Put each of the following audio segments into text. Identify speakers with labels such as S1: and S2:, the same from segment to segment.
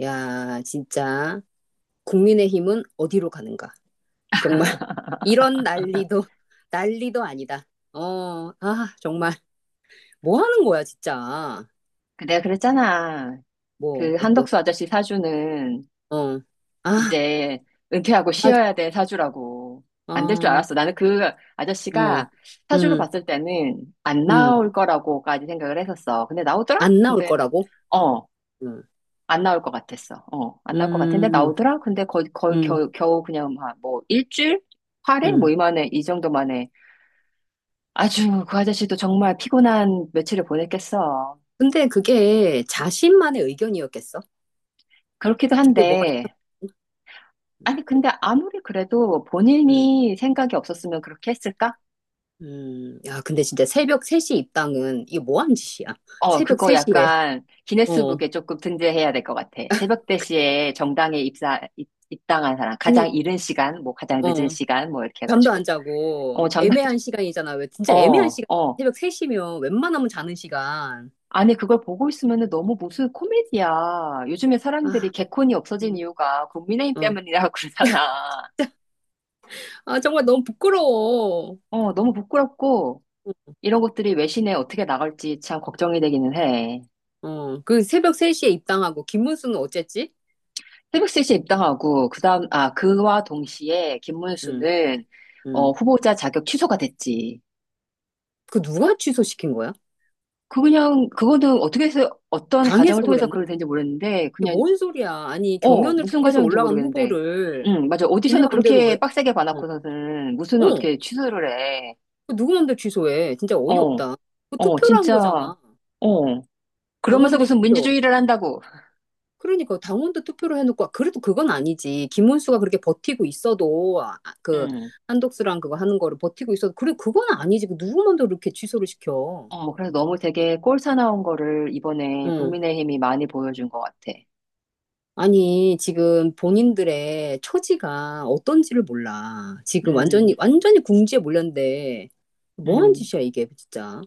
S1: 야, 진짜 국민의힘은 어디로 가는가? 정말 이런 난리도 아니다. 어, 아, 정말 뭐 하는 거야, 진짜.
S2: 그 내가 그랬잖아.
S1: 뭐,
S2: 그
S1: 어떠,
S2: 한덕수 아저씨 사주는
S1: 어, 아,
S2: 이제 은퇴하고
S1: 맞아,
S2: 쉬어야 돼 사주라고. 안 될 줄
S1: 어,
S2: 알았어. 나는 그
S1: 어,
S2: 아저씨가 사주로
S1: 음,
S2: 봤을 때는 안
S1: 음,
S2: 나올 거라고까지 생각을 했었어. 근데 나오더라?
S1: 안 나올
S2: 근데,
S1: 거라고.
S2: 어,
S1: 음,
S2: 안 나올 것 같았어. 안 나올 것 같은데
S1: 음,
S2: 나오더라? 근데 거의
S1: 음,
S2: 겨우 그냥 막 뭐 일주일? 8일?
S1: 음.
S2: 뭐 이 정도 만에. 아주 그 아저씨도 정말 피곤한 며칠을 보냈겠어.
S1: 근데 그게 자신만의 의견이었겠어?
S2: 그렇기도
S1: 그게 뭐가 있어?
S2: 한데, 아니, 근데 아무리 그래도
S1: 음,
S2: 본인이 생각이 없었으면 그렇게 했을까?
S1: 야, 근데 진짜 새벽 3시 입당은 이게 뭐 하는 짓이야? 새벽
S2: 그거
S1: 3시에.
S2: 약간
S1: 어.
S2: 기네스북에 조금 등재해야 될 것 같아. 새벽 4시에 정당에 입당한 사람.
S1: 아니,
S2: 가장 이른 시간, 뭐 가장 늦은
S1: 어,
S2: 시간, 뭐 이렇게
S1: 잠도 안
S2: 해가지고.
S1: 자고
S2: 어,
S1: 애매한 시간이잖아. 왜 진짜
S2: 어,
S1: 애매한 시간.
S2: 어.
S1: 새벽 3시면 웬만하면 자는 시간.
S2: 아니, 그걸 보고 있으면 너무 무슨 코미디야. 요즘에
S1: 아,
S2: 사람들이 개콘이 없어진
S1: 음,
S2: 이유가 국민의힘
S1: 어.
S2: 때문이라고 그러잖아.
S1: 아, 정말 너무 부끄러워.
S2: 어, 너무 부끄럽고, 이런 것들이 외신에 어떻게 나갈지 참 걱정이 되기는 해.
S1: 어, 그 새벽 3시에 입당하고 김문수는 어쨌지?
S2: 새벽 3시에 입당하고 그다음 그와 동시에
S1: 응,
S2: 김문수는
S1: 응.
S2: 후보자 자격 취소가 됐지.
S1: 그 누가 취소시킨 거야?
S2: 그 그냥 그거는 어떻게 해서 어떤
S1: 당에서
S2: 과정을 통해서
S1: 그랬나?
S2: 그걸 된지 모르겠는데
S1: 이게
S2: 그냥
S1: 뭔 소리야? 아니, 경연을
S2: 무슨
S1: 통해서
S2: 과정인지
S1: 올라간
S2: 모르겠는데
S1: 후보를
S2: 응 맞아
S1: 지네
S2: 오디션을
S1: 맘대로 왜?
S2: 그렇게 빡세게
S1: 어,
S2: 봐놓고서는 무수는
S1: 어.
S2: 어떻게 취소를 해.
S1: 그 누구 맘대로 취소해? 진짜
S2: 어
S1: 어이없다. 그 투표로 한
S2: 진짜
S1: 거잖아.
S2: 어 그러면서
S1: 당원들
S2: 무슨
S1: 투표.
S2: 민주주의를 한다고.
S1: 그러니까 당원도 투표를 해놓고 아, 그래도 그건 아니지. 김문수가 그렇게 버티고 있어도 아, 아, 그
S2: 응.
S1: 한독수랑 그거 하는 거를 버티고 있어도 그래 그건 아니지. 그 누구만도 이렇게 취소를 시켜.
S2: 그래서 너무 되게 꼴사나운 거를 이번에
S1: 응.
S2: 국민의힘이 많이 보여준 것 같아.
S1: 아니 지금 본인들의 처지가 어떤지를 몰라. 지금 완전히
S2: 음,
S1: 완전히 궁지에 몰렸는데 뭐한
S2: 음.
S1: 짓이야 이게 진짜.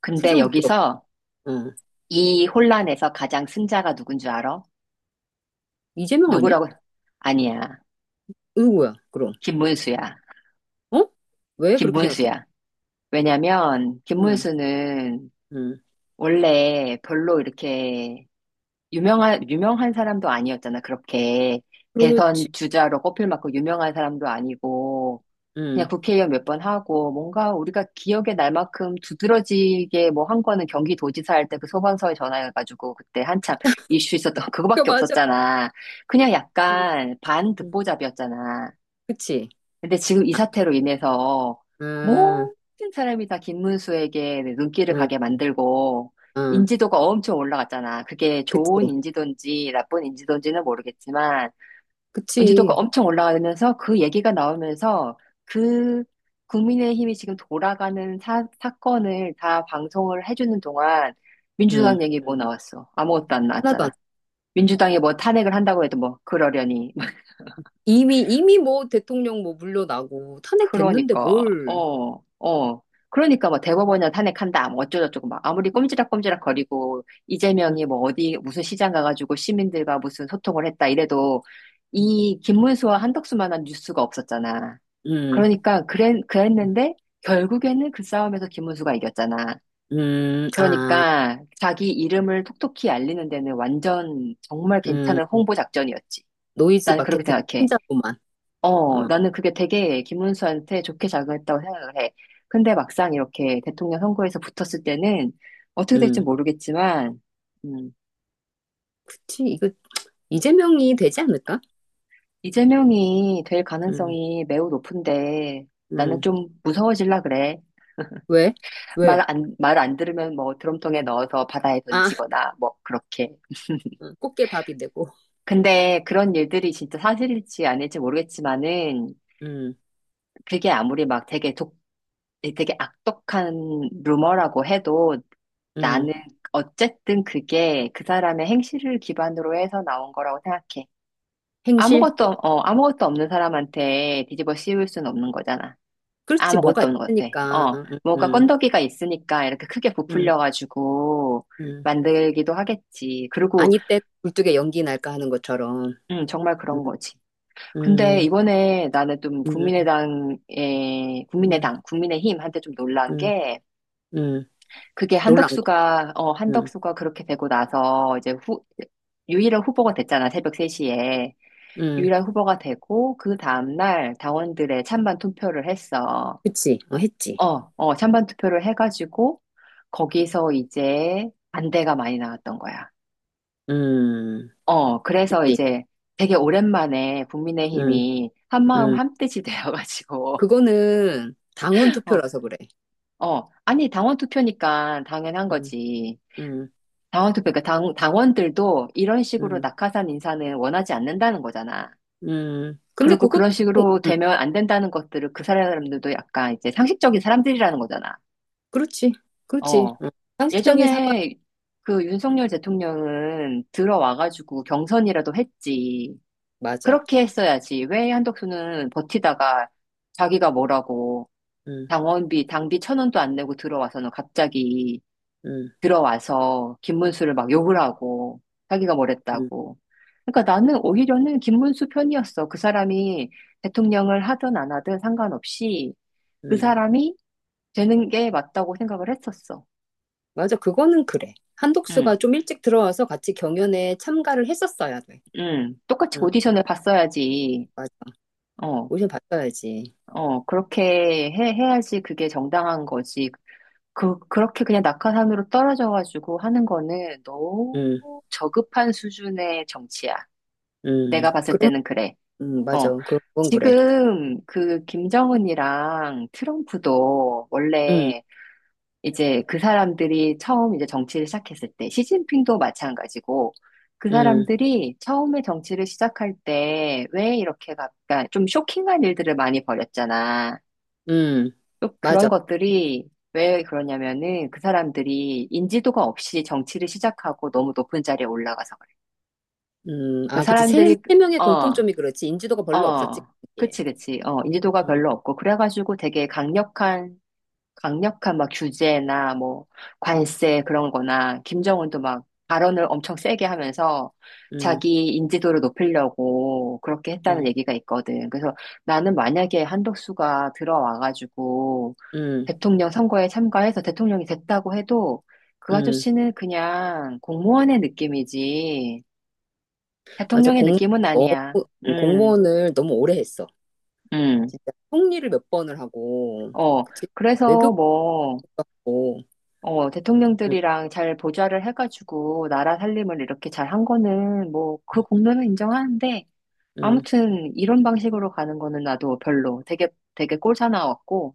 S2: 근데
S1: 세상 부끄럽.
S2: 여기서
S1: 응.
S2: 이 혼란에서 가장 승자가 누군 줄 알아?
S1: 이재명 아니야?
S2: 누구라고? 아니야.
S1: 누구야 그럼?
S2: 김문수야.
S1: 어? 왜 그렇게 생각해?
S2: 김문수야. 왜냐면
S1: 응.
S2: 김문수는
S1: 응.
S2: 원래 별로 이렇게 유명한 사람도 아니었잖아. 그렇게
S1: 그렇지.
S2: 대선 주자로 꼽힐 만큼 유명한 사람도 아니고 그냥
S1: 응.
S2: 국회의원 몇 번 하고 뭔가 우리가 기억에 날 만큼 두드러지게 뭐 한 거는 경기도지사 할 때 그 소방서에 전화해가지고 그때 한참 이슈 있었던
S1: 그
S2: 그거밖에
S1: 맞아.
S2: 없었잖아. 그냥
S1: 응.
S2: 약간
S1: 응.
S2: 반듣보잡이었잖아.
S1: 그치.
S2: 근데 지금 이 사태로 인해서
S1: 아,
S2: 모든 사람이 다 김문수에게 눈길을 가게
S1: 응,
S2: 만들고
S1: 응,
S2: 인지도가 엄청 올라갔잖아. 그게 좋은
S1: 그치.
S2: 인지도인지 나쁜 인지도인지는 모르겠지만 인지도가
S1: 그치.
S2: 엄청 올라가면서 그 얘기가 나오면서 그 국민의힘이 지금 돌아가는 사건을 다 방송을 해주는 동안
S1: 응.
S2: 민주당 얘기 뭐 나왔어? 아무것도 안
S1: 하나도 안.
S2: 나왔잖아.
S1: 응.
S2: 민주당이 뭐 탄핵을 한다고 해도 뭐 그러려니.
S1: 이미 뭐 대통령 뭐 물러나고 탄핵됐는데
S2: 그러니까,
S1: 뭘.
S2: 어, 어. 그러니까 뭐 대법원이나 탄핵한다, 뭐 어쩌고저쩌고 막 아무리 꼼지락꼼지락 거리고
S1: 응,
S2: 이재명이 뭐 어디 무슨 시장 가가지고 시민들과 무슨 소통을 했다 이래도
S1: 응,
S2: 이 김문수와 한덕수만한 뉴스가 없었잖아.
S1: 응,
S2: 그러니까 그랬는데 결국에는 그 싸움에서 김문수가 이겼잖아.
S1: 아,
S2: 그러니까 자기 이름을 톡톡히 알리는 데는 완전 정말 괜찮은
S1: 응.
S2: 홍보 작전이었지.
S1: 노이즈
S2: 나는 그렇게
S1: 마케팅
S2: 생각해.
S1: 혼자로만.
S2: 어,
S1: 어,
S2: 나는 그게 되게 김문수한테 좋게 작용했다고 생각을 해. 근데 막상 이렇게 대통령 선거에서 붙었을 때는 어떻게 될지
S1: 응.
S2: 모르겠지만, 음,
S1: 그치. 이거 이재명이 되지 않을까?
S2: 이재명이 될
S1: 응,
S2: 가능성이 매우 높은데 나는
S1: 응.
S2: 좀 무서워질라 그래.
S1: 왜? 왜?
S2: 말 안 들으면 뭐 드럼통에 넣어서 바다에
S1: 아,
S2: 던지거나 뭐 그렇게.
S1: 꽃게 밥이 되고.
S2: 근데 그런 일들이 진짜 사실일지 아닐지 모르겠지만은
S1: 응,
S2: 그게 아무리 막 되게 악독한 루머라고 해도
S1: 응.
S2: 나는 어쨌든 그게 그 사람의 행실을 기반으로 해서 나온 거라고 생각해.
S1: 행실?
S2: 아무것도 없는 사람한테 뒤집어 씌울 수는 없는 거잖아.
S1: 그렇지. 뭐가
S2: 아무것도 없는 것 같아.
S1: 있으니까.
S2: 어,
S1: 응,
S2: 뭐가
S1: 응,
S2: 건더기가 있으니까 이렇게 크게
S1: 응.
S2: 부풀려가지고
S1: 응.
S2: 만들기도 하겠지. 그리고,
S1: 아니 때 굴뚝에 연기 날까 하는 것처럼.
S2: 정말
S1: 음,
S2: 그런 거지. 근데
S1: 음,
S2: 이번에 나는 좀
S1: 음, 음,
S2: 국민의힘한테 좀 놀란
S1: 음,
S2: 게
S1: 음.
S2: 그게
S1: 놀란 거. 음,
S2: 한덕수가 그렇게 되고 나서 이제 유일한 후보가 됐잖아, 새벽 3시에.
S1: 음.
S2: 유일한 후보가 되고 그 다음날 당원들의 찬반 투표를 했어.
S1: 그치. 어, 했지.
S2: 찬반 투표를 해가지고 거기서 이제 반대가 많이 나왔던 거야.
S1: 음,
S2: 그래서
S1: 그치.
S2: 이제 되게 오랜만에
S1: 음,
S2: 국민의힘이 한마음
S1: 음.
S2: 한뜻이 되어가지고,
S1: 그거는 당원 투표라서 그래.
S2: 아니, 당원 투표니까 당연한
S1: 음,
S2: 거지.
S1: 음,
S2: 당원 투표, 그러니까 당원들도 이런 식으로
S1: 음,
S2: 낙하산 인사는 원하지 않는다는 거잖아.
S1: 근데
S2: 그리고
S1: 그것도,
S2: 그런 식으로
S1: 음,
S2: 되면 안 된다는 것들을 그 사람들도 약간 이제 상식적인 사람들이라는 거잖아.
S1: 그렇지. 그렇지.
S2: 어.
S1: 어. 상식적인 사과.
S2: 예전에 그 윤석열 대통령은 들어와가지고 경선이라도 했지.
S1: 맞아.
S2: 그렇게 했어야지. 왜 한덕수는 버티다가 자기가 뭐라고
S1: 음,
S2: 당비 천 원도 안 내고 들어와서는 갑자기
S1: 음,
S2: 들어와서 김문수를 막 욕을 하고 자기가
S1: 음,
S2: 뭐랬다고. 그러니까 나는 오히려는 김문수 편이었어. 그 사람이 대통령을 하든 안 하든 상관없이 그
S1: 음.
S2: 사람이 되는 게 맞다고 생각을 했었어.
S1: 맞아. 그거는 그래. 한독수가
S2: 응.
S1: 좀 일찍 들어와서 같이 경연에 참가를 했었어야 돼.
S2: 응, 똑같이
S1: 응,
S2: 오디션을 봤어야지.
S1: 맞아.
S2: 어,
S1: 오션 바꿔야지.
S2: 그렇게 해야지 그게 정당한 거지. 그렇게 그냥 낙하산으로 떨어져가지고 하는 거는 너무
S1: 응,
S2: 저급한 수준의 정치야.
S1: 응.
S2: 내가 봤을
S1: 그럼,
S2: 때는 그래.
S1: 응, 맞아.
S2: 어.
S1: 그런 건 그래.
S2: 지금 그 김정은이랑 트럼프도
S1: 응,
S2: 원래 이제 그 사람들이 처음 이제 정치를 시작했을 때, 시진핑도 마찬가지고, 그
S1: 응,
S2: 사람들이 처음에 정치를 시작할 때, 왜 이렇게, 그러니까 좀 쇼킹한 일들을 많이 벌였잖아.
S1: 응.
S2: 또
S1: 맞아.
S2: 그런 것들이 왜 그러냐면은 그 사람들이 인지도가 없이 정치를 시작하고 너무 높은 자리에 올라가서 그래. 그
S1: 아, 그치. 세,
S2: 사람들이,
S1: 세 명의
S2: 어,
S1: 공통점이 그렇지. 인지도가 별로 없었지,
S2: 어,
S1: 거기에.
S2: 그치, 그치. 어, 인지도가
S1: 음,
S2: 별로 없고, 그래가지고 되게 강력한 막 규제나 뭐 관세 그런 거나 김정은도 막 발언을 엄청 세게 하면서
S1: 음,
S2: 자기 인지도를 높이려고 그렇게 했다는
S1: 음,
S2: 얘기가 있거든. 그래서 나는 만약에 한덕수가 들어와가지고
S1: 음,
S2: 대통령 선거에 참가해서 대통령이 됐다고 해도 그
S1: 음.
S2: 아저씨는 그냥 공무원의 느낌이지
S1: 맞아.
S2: 대통령의
S1: 공,
S2: 느낌은
S1: 너무,
S2: 아니야.
S1: 공무원을 너무 오래 했어.
S2: 음.
S1: 진짜. 통리를 몇 번을 하고,
S2: 어,
S1: 그치.
S2: 그래서
S1: 외교부도
S2: 뭐
S1: 하고, 음,
S2: 대통령들이랑 잘 보좌를 해가지고 나라 살림을 이렇게 잘 한 거는 뭐 그
S1: 음,
S2: 공로는 인정하는데
S1: 음.
S2: 아무튼 이런 방식으로 가는 거는 나도 별로 되게 꼴사나웠고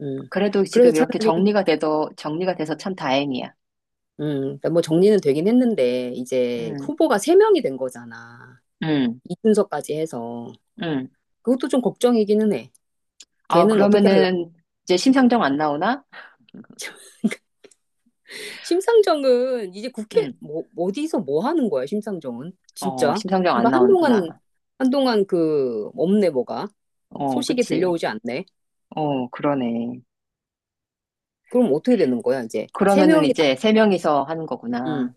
S1: 음.
S2: 그래도
S1: 그래서
S2: 지금 이렇게
S1: 차라리,
S2: 정리가 돼서 참 다행이야.
S1: 그러니까 뭐 정리는 되긴 했는데, 이제
S2: 음,
S1: 후보가 세 명이 된 거잖아.
S2: 음,
S1: 이준석까지 해서
S2: 음.
S1: 그것도 좀 걱정이기는 해.
S2: 아,
S1: 걔는 어떻게 할라?
S2: 그러면은 이제 심상정 안 나오나?
S1: 심상정은 이제 국회
S2: 음,
S1: 뭐 어디서 뭐 하는 거야, 심상정은? 진짜.
S2: 심상정 안
S1: 그러니까 한동안
S2: 나오는구나.
S1: 한동안 그 없네 뭐가
S2: 어,
S1: 소식이
S2: 그치.
S1: 들려오지 않네.
S2: 어, 그러네.
S1: 그럼 어떻게 되는 거야, 이제? 세
S2: 그러면은
S1: 명이 다.
S2: 이제 세 명이서 하는
S1: 음.
S2: 거구나.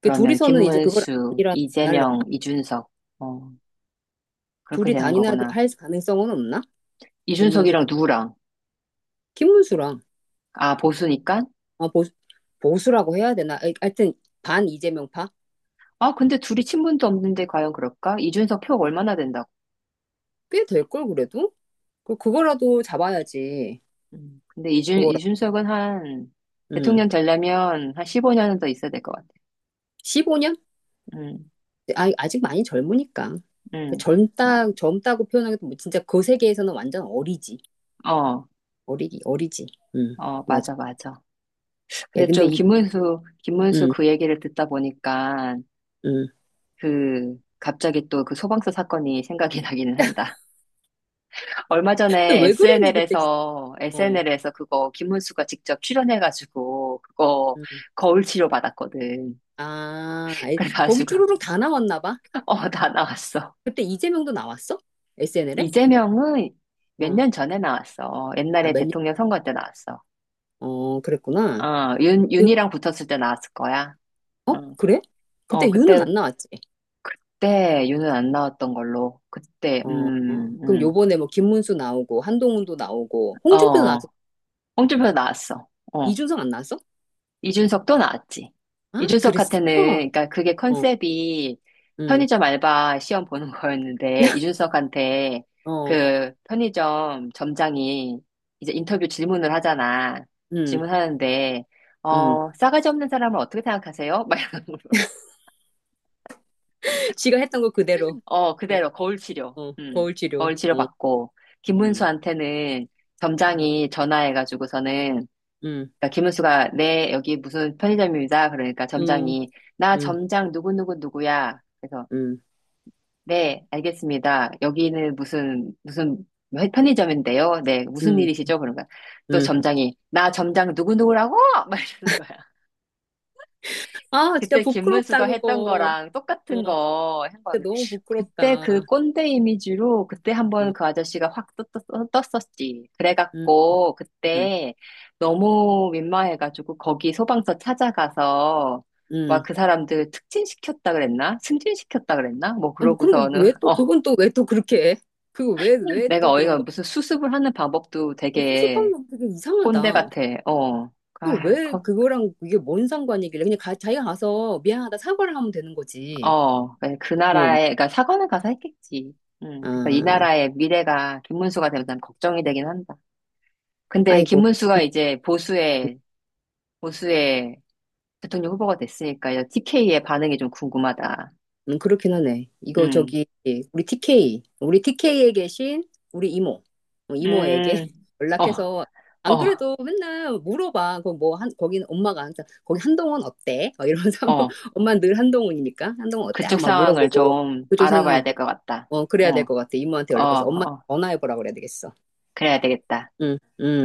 S1: 그
S2: 그러면
S1: 둘이서는 이제 그걸
S2: 김문수,
S1: 아니라 안 하려나?
S2: 이재명, 이준석. 어, 그렇게
S1: 둘이
S2: 되는
S1: 단일화
S2: 거구나.
S1: 할 가능성은 없나? 김문수.
S2: 이준석이랑 누구랑?
S1: 김문수랑
S2: 아, 보수니까?
S1: 아 보수, 보수라고 해야 되나? 아이, 하여튼 반 이재명파?
S2: 아, 근데 둘이 친분도 없는데 과연 그럴까? 이준석 표가 얼마나 된다고?
S1: 꽤 될걸 그래도? 그 그거라도 잡아야지.
S2: 근데
S1: 그거랑.
S2: 이준석은
S1: 음.
S2: 대통령 되려면 한 15년은 더 있어야 될 것 같아.
S1: 15년?
S2: 음,
S1: 아, 아직 많이 젊으니까. 그
S2: 음.
S1: 젊다고 표현하기도 뭐 진짜 그 세계에서는 완전 어리지.
S2: 어,
S1: 어리기, 어리지. 음, 맞아.
S2: 맞아, 맞아.
S1: 야,
S2: 근데
S1: 근데
S2: 좀
S1: 이,
S2: 김문수
S1: 음,
S2: 그 얘기를 듣다 보니까
S1: 음.
S2: 그 갑자기 또 그 소방서 사건이 생각이 나기는 한다. 얼마
S1: 근데
S2: 전에
S1: 왜 그랬니, 그때 진짜. 어,
S2: SNL에서 그거 김문수가 직접 출연해가지고, 그거
S1: 음.
S2: 거울 치료 받았거든.
S1: 아, 아이, 거기
S2: 그래가지고,
S1: 쭈루룩 다 나왔나 봐.
S2: 어, 다 나왔어.
S1: 그때 이재명도 나왔어? SNL에?
S2: 이재명은 몇
S1: 어,
S2: 년 전에 나왔어.
S1: 아,
S2: 옛날에
S1: 몇 년?
S2: 대통령 선거 때 나왔어.
S1: 어, 그랬구나. 그,
S2: 윤이랑 붙었을 때 나왔을 거야.
S1: 어?
S2: 응.
S1: 그래?
S2: 어,
S1: 그때 유는 안 나왔지.
S2: 그때 윤은 안 나왔던 걸로. 그때,
S1: 어, 어. 그럼 요번에 뭐 김문수 나오고, 한동훈도 나오고, 홍준표도 나왔어.
S2: 어, 홍준표 나왔어. 어.
S1: 이준석 안 나왔어?
S2: 이준석도 나왔지.
S1: 아, 그랬어?
S2: 이준석한테는, 그러니까 그게
S1: 어,
S2: 컨셉이
S1: 응,
S2: 편의점 알바 시험 보는 거였는데, 이준석한테
S1: 어,
S2: 그 편의점 점장이 이제 인터뷰 질문을 하잖아.
S1: 응,
S2: 질문하는데,
S1: 응.
S2: 싸가지 없는 사람을 어떻게 생각하세요? 막 이런 거.
S1: 지가 했던 거 그대로.
S2: 어,
S1: 응,
S2: 그대로 거울 치료.
S1: 어, 거울 치료.
S2: 거울 치료
S1: 어,
S2: 받고,
S1: 응,
S2: 김문수한테는
S1: 응,
S2: 점장이 전화해가지고서는
S1: 응,
S2: 그러니까 김은수가 네 여기 무슨 편의점입니다. 그러니까
S1: 응,
S2: 점장이 나
S1: 응,
S2: 점장 누구누구 누구야. 그래서
S1: 응,
S2: 네 알겠습니다. 여기는 무슨 무슨 편의점인데요. 네 무슨
S1: 응.
S2: 일이시죠? 그런 거야. 또
S1: 응.
S2: 점장이 나 점장 누구누구라고 막 이러는 거야.
S1: 아, 진짜
S2: 그때
S1: 부끄럽다,
S2: 김문수가 했던
S1: 그거.
S2: 거랑
S1: 어,
S2: 똑같은 거 한 거야.
S1: 진짜 너무
S2: 그때
S1: 부끄럽다.
S2: 그 꼰대 이미지로 그때
S1: 어,
S2: 한번 그 아저씨가 확 떴었지.
S1: 응,
S2: 그래갖고
S1: 응,
S2: 그때 너무 민망해가지고 거기 소방서 찾아가서 막
S1: 응.
S2: 그 사람들 특진시켰다 그랬나? 승진시켰다 그랬나? 뭐
S1: 아, 뭐 그럼
S2: 그러고서는
S1: 왜 또, 그건 또 왜 또 그렇게 해? 그거 왜, 왜
S2: 내가
S1: 또 그런
S2: 어이가
S1: 거야?
S2: 무슨 수습을 하는 방법도
S1: 어, 수습하는
S2: 되게
S1: 거 되게
S2: 꼰대
S1: 이상하다.
S2: 같아. 어.
S1: 그걸
S2: 아,
S1: 왜 그거랑 이게 뭔 상관이길래 그냥 가, 자기가 가서 미안하다 사과를 하면 되는 거지.
S2: 네,
S1: 어,
S2: 그러니까 사관을 가서 했겠지. 그래서 이
S1: 아,
S2: 나라의 미래가 김문수가 되면 난 걱정이 되긴 한다. 근데
S1: 아이고.
S2: 김문수가 이제 보수의 대통령 후보가 됐으니까 이제 TK의 반응이 좀 궁금하다.
S1: 그렇긴 하네. 이거
S2: 음,
S1: 저기, 우리 TK, 우리 TK에 계신 우리 이모, 어, 이모에게
S2: 음, 어,
S1: 연락해서, 안
S2: 어,
S1: 그래도 맨날 물어봐. 거기 뭐, 한, 거긴 엄마가 항상, 거기 한동훈 어때? 막 이러면서, 한번
S2: 어.
S1: 엄마는 늘 한동훈이니까, 한동훈 어때? 하고
S2: 그쪽
S1: 막
S2: 상황을
S1: 물어보고,
S2: 좀
S1: 그쪽 상황을,
S2: 알아봐야
S1: 물-
S2: 될 것 같다.
S1: 어, 그래야 될
S2: 어,
S1: 것 같아. 이모한테
S2: 어,
S1: 연락해서 엄마
S2: 어.
S1: 전화해보라 그래야 되겠어.
S2: 그래야 되겠다.
S1: 응.